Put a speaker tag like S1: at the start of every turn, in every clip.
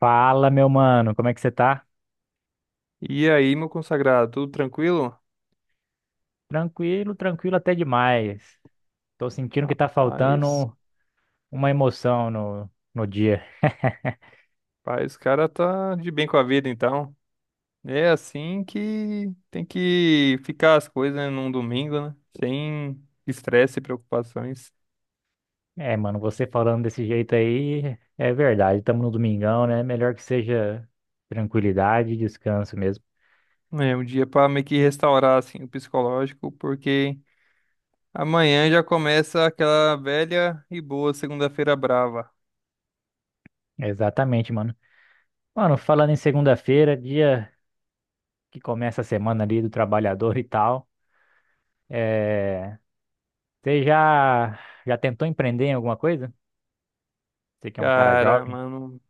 S1: Fala, meu mano, como é que você tá?
S2: E aí, meu consagrado, tudo tranquilo?
S1: Tranquilo, tranquilo até demais. Tô sentindo que tá
S2: Rapaz,
S1: faltando uma emoção no dia.
S2: rapaz, o cara tá de bem com a vida, então. É assim que tem que ficar as coisas, né, num domingo, né? Sem estresse e preocupações.
S1: É, mano, você falando desse jeito aí, é verdade, estamos no domingão, né? Melhor que seja tranquilidade e descanso mesmo.
S2: É um dia pra meio que restaurar, assim, o psicológico, porque amanhã já começa aquela velha e boa segunda-feira brava.
S1: Exatamente, mano. Mano, falando em segunda-feira, dia que começa a semana ali do trabalhador e tal, é... você já, já tentou empreender em alguma coisa? Você que é um cara
S2: Cara,
S1: jovem.
S2: mano,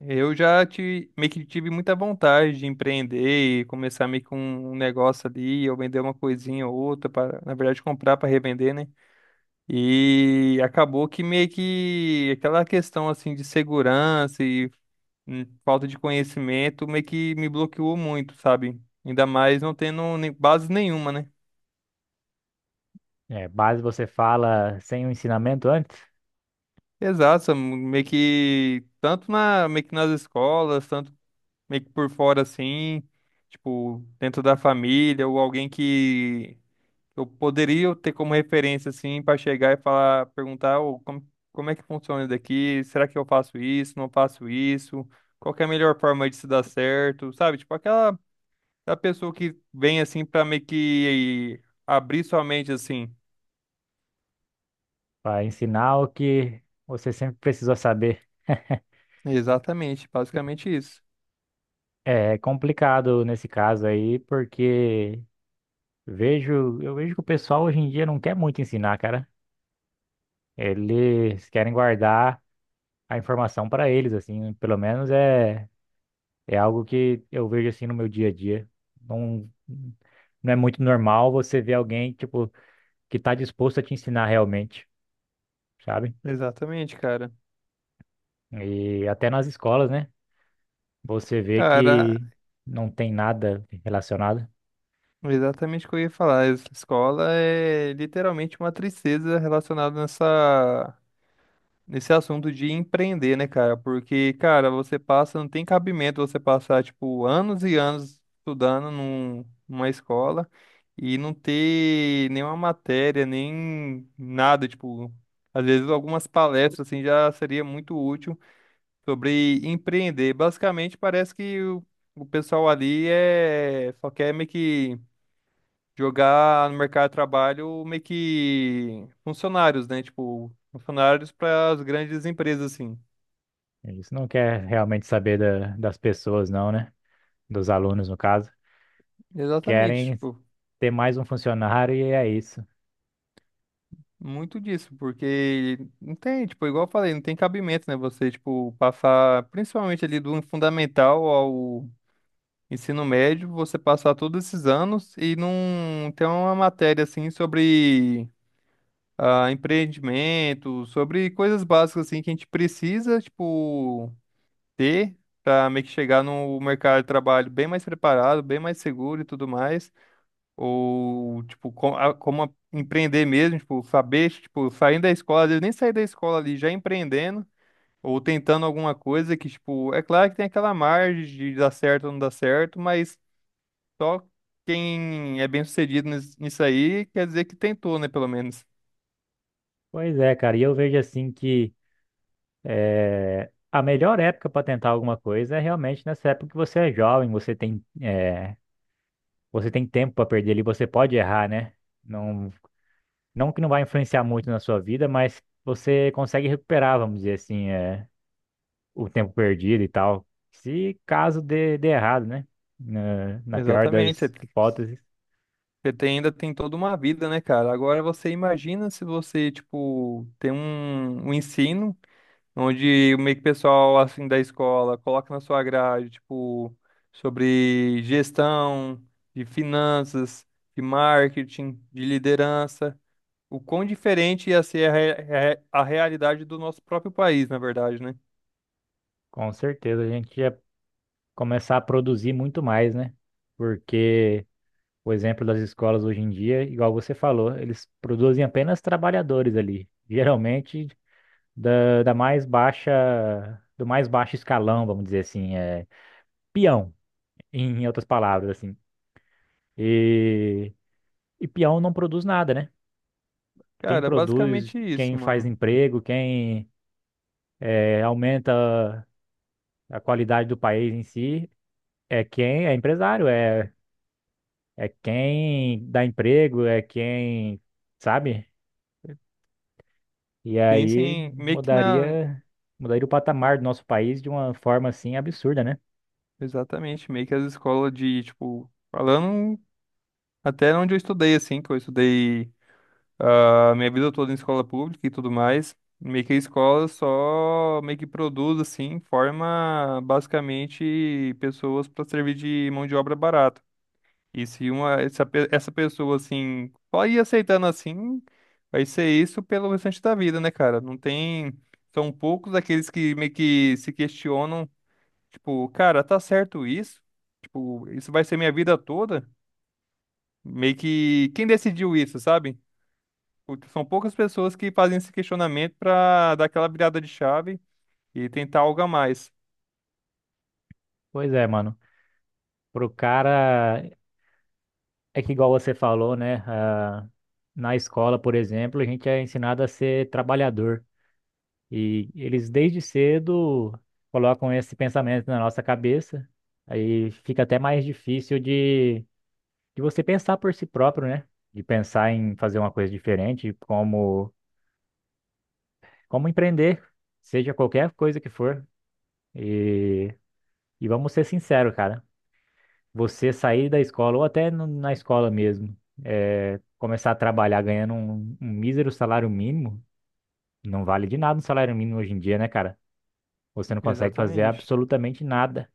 S2: eu meio que tive muita vontade de empreender e começar meio que um negócio ali, ou vender uma coisinha ou outra, para, na verdade, comprar para revender, né? E acabou que meio que aquela questão assim de segurança e falta de conhecimento meio que me bloqueou muito, sabe? Ainda mais não tendo base nenhuma, né?
S1: É, base você fala sem o ensinamento antes,
S2: Exato, meio que tanto na, meio que nas escolas, tanto meio que por fora assim, tipo, dentro da família, ou alguém que eu poderia ter como referência assim para chegar e falar, perguntar, ô, como, como é que funciona isso daqui? Será que eu faço isso? Não faço isso? Qual que é a melhor forma de se dar certo? Sabe? Tipo aquela, a pessoa que vem assim para meio que abrir sua mente assim.
S1: para ensinar o que você sempre precisou saber.
S2: Exatamente, basicamente isso.
S1: É complicado nesse caso aí, porque eu vejo que o pessoal hoje em dia não quer muito ensinar, cara. Eles querem guardar a informação para eles, assim, pelo menos é algo que eu vejo assim no meu dia a dia. Não, não é muito normal você ver alguém, tipo, que tá disposto a te ensinar realmente, sabe?
S2: Exatamente, cara.
S1: E até nas escolas, né? Você vê
S2: Cara,
S1: que não tem nada relacionado.
S2: exatamente o que eu ia falar. Essa escola é literalmente uma tristeza relacionada nessa, nesse assunto de empreender, né, cara? Porque, cara, você passa, não tem cabimento você passar, tipo, anos e anos estudando numa escola e não ter nenhuma matéria, nem nada, tipo, às vezes algumas palestras, assim, já seria muito útil sobre empreender. Basicamente, parece que o pessoal ali é, só quer meio que jogar no mercado de trabalho meio que funcionários, né? Tipo, funcionários para as grandes empresas, assim.
S1: Eles não querem realmente saber das pessoas, não, né? Dos alunos, no caso.
S2: Exatamente,
S1: Querem
S2: tipo,
S1: ter mais um funcionário e é isso.
S2: muito disso, porque não tem, tipo, igual eu falei, não tem cabimento, né? Você, tipo, passar, principalmente ali do fundamental ao ensino médio, você passar todos esses anos e não ter uma matéria, assim, sobre ah, empreendimento, sobre coisas básicas, assim, que a gente precisa, tipo. Ter para meio que chegar no mercado de trabalho bem mais preparado, bem mais seguro e tudo mais, ou tipo como, empreender mesmo, tipo saber, tipo saindo da escola, às vezes nem sair da escola ali já empreendendo ou tentando alguma coisa que tipo é claro que tem aquela margem de dar certo ou não dar certo, mas só quem é bem sucedido nisso aí quer dizer que tentou, né, pelo menos.
S1: Pois é, cara. E eu vejo assim que a melhor época para tentar alguma coisa é realmente nessa época que você é jovem, você você tem tempo para perder ali, você pode errar, né? Não, não que não vai influenciar muito na sua vida, mas você consegue recuperar, vamos dizer assim. O tempo perdido e tal. Se caso dê errado, né? Na pior
S2: Exatamente.
S1: das hipóteses,
S2: Ainda tem toda uma vida, né, cara? Agora você imagina se você, tipo, tem um, um ensino onde o meio que pessoal, assim, da escola coloca na sua grade, tipo, sobre gestão, de finanças, de marketing, de liderança. O quão diferente ia ser a, a realidade do nosso próprio país, na verdade, né?
S1: com certeza a gente ia começar a produzir muito mais, né? Porque o exemplo das escolas hoje em dia, igual você falou, eles produzem apenas trabalhadores ali, geralmente da mais baixa, do mais baixo escalão, vamos dizer assim, é peão, em outras palavras, assim. E, e peão não produz nada, né? Quem
S2: Cara, é
S1: produz,
S2: basicamente isso,
S1: quem faz
S2: mano.
S1: emprego, quem aumenta a qualidade do país em si, é quem é empresário, é, é quem dá emprego, é quem, sabe? E aí
S2: Pensem meio que na...
S1: mudaria, mudaria o patamar do nosso país de uma forma assim absurda, né?
S2: Exatamente, meio que as escolas de, tipo, falando. Até onde eu estudei, assim, que eu estudei a minha vida toda em escola pública e tudo mais, meio que a escola só meio que produz, assim, forma basicamente pessoas para servir de mão de obra barata. E se uma, essa, essa pessoa, assim, só ir aceitando assim, vai ser isso pelo restante da vida, né, cara? Não tem. São poucos aqueles que meio que se questionam, tipo, cara, tá certo isso? Tipo, isso vai ser minha vida toda? Meio que quem decidiu isso, sabe? Porque são poucas pessoas que fazem esse questionamento pra dar aquela virada de chave e tentar algo a mais.
S1: Pois é, mano. Pro cara, é que igual você falou, né? Ah, na escola, por exemplo, a gente é ensinado a ser trabalhador. E eles desde cedo colocam esse pensamento na nossa cabeça, aí fica até mais difícil de você pensar por si próprio, né? De pensar em fazer uma coisa diferente, como empreender, seja qualquer coisa que for. E, e vamos ser sinceros, cara, você sair da escola, ou até na escola mesmo, é, começar a trabalhar ganhando um mísero salário mínimo, não vale de nada um salário mínimo hoje em dia, né, cara? Você não consegue fazer
S2: Exatamente.
S1: absolutamente nada.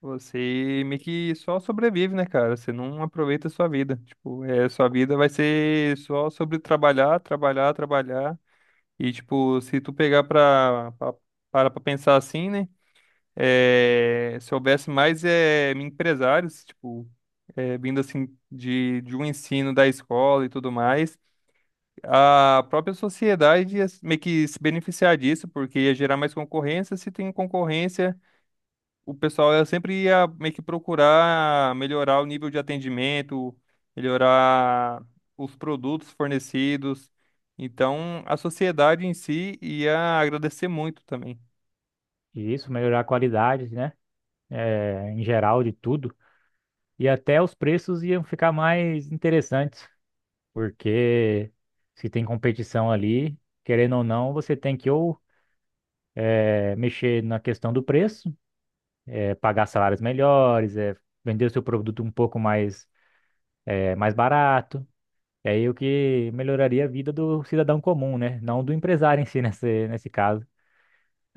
S2: Você meio que só sobrevive, né, cara? Você não aproveita a sua vida. Tipo, é, sua vida vai ser só sobre trabalhar, trabalhar, trabalhar. E, tipo, se tu pegar pra, para pra pensar assim, né? É, se houvesse mais é, empresários, tipo, é, vindo assim de um ensino da escola e tudo mais. A própria sociedade ia meio que se beneficiar disso, porque ia gerar mais concorrência. Se tem concorrência, o pessoal ia sempre ia meio que procurar melhorar o nível de atendimento, melhorar os produtos fornecidos. Então, a sociedade em si ia agradecer muito também.
S1: Isso, melhorar a qualidade, né? É, em geral de tudo. E até os preços iam ficar mais interessantes, porque se tem competição ali, querendo ou não, você tem que ou é, mexer na questão do preço, é, pagar salários melhores, é, vender o seu produto um pouco mais, é, mais barato. E aí o que melhoraria a vida do cidadão comum, né? Não do empresário em si nesse caso.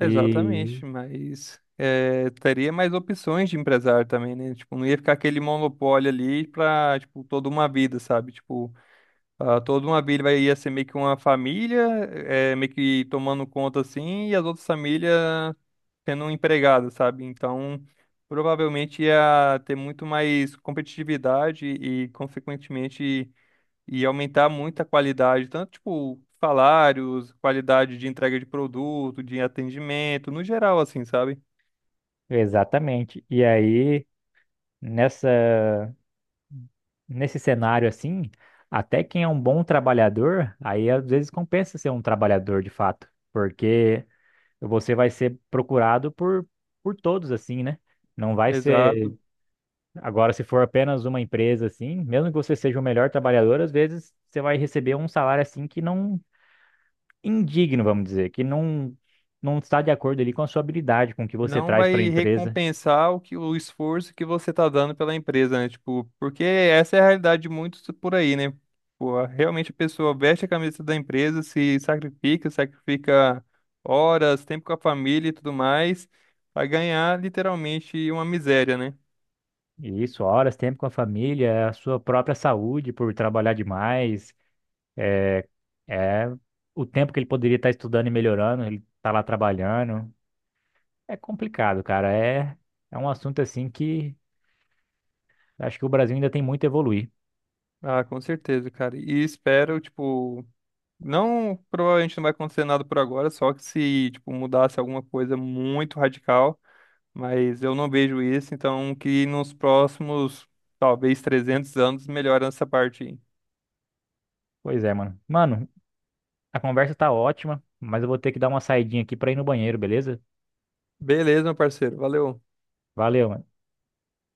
S1: E
S2: mas eh, teria mais opções de empresário também, né? Tipo, não ia ficar aquele monopólio ali pra, tipo, toda uma vida, sabe? Tipo, ah, toda uma vila ia ser meio que uma família, é, meio que tomando conta assim, e as outras famílias sendo empregadas, sabe? Então, provavelmente ia ter muito mais competitividade e, consequentemente, ia aumentar muito a qualidade, tanto tipo salários, qualidade de entrega de produto, de atendimento, no geral, assim, sabe?
S1: exatamente. E aí, nessa. Nesse cenário assim, até quem é um bom trabalhador, aí às vezes compensa ser um trabalhador de fato, porque você vai ser procurado por todos assim, né? Não vai ser,
S2: Exato.
S1: agora se for apenas uma empresa assim, mesmo que você seja o melhor trabalhador, às vezes você vai receber um salário assim que não indigno, vamos dizer, que não está de acordo ali com a sua habilidade, com o que você
S2: Não
S1: traz para a
S2: vai
S1: empresa.
S2: recompensar o que o esforço que você tá dando pela empresa, né? Tipo, porque essa é a realidade de muitos por aí, né? Pô, realmente a pessoa veste a camisa da empresa, se sacrifica, sacrifica horas, tempo com a família e tudo mais, pra ganhar literalmente uma miséria, né?
S1: E isso, horas, tempo com a família, a sua própria saúde por trabalhar demais. É o tempo que ele poderia estar estudando e melhorando, ele tá lá trabalhando. É complicado, cara. É, é um assunto assim que acho que o Brasil ainda tem muito a evoluir.
S2: Ah, com certeza, cara. E espero, tipo, não, provavelmente não vai acontecer nada por agora, só que se, tipo, mudasse alguma coisa muito radical. Mas eu não vejo isso, então que nos próximos, talvez 300 anos, melhore essa parte aí.
S1: Pois é, mano. Mano, a conversa tá ótima, mas eu vou ter que dar uma saidinha aqui pra ir no banheiro, beleza?
S2: Beleza, meu parceiro. Valeu.
S1: Valeu, mano.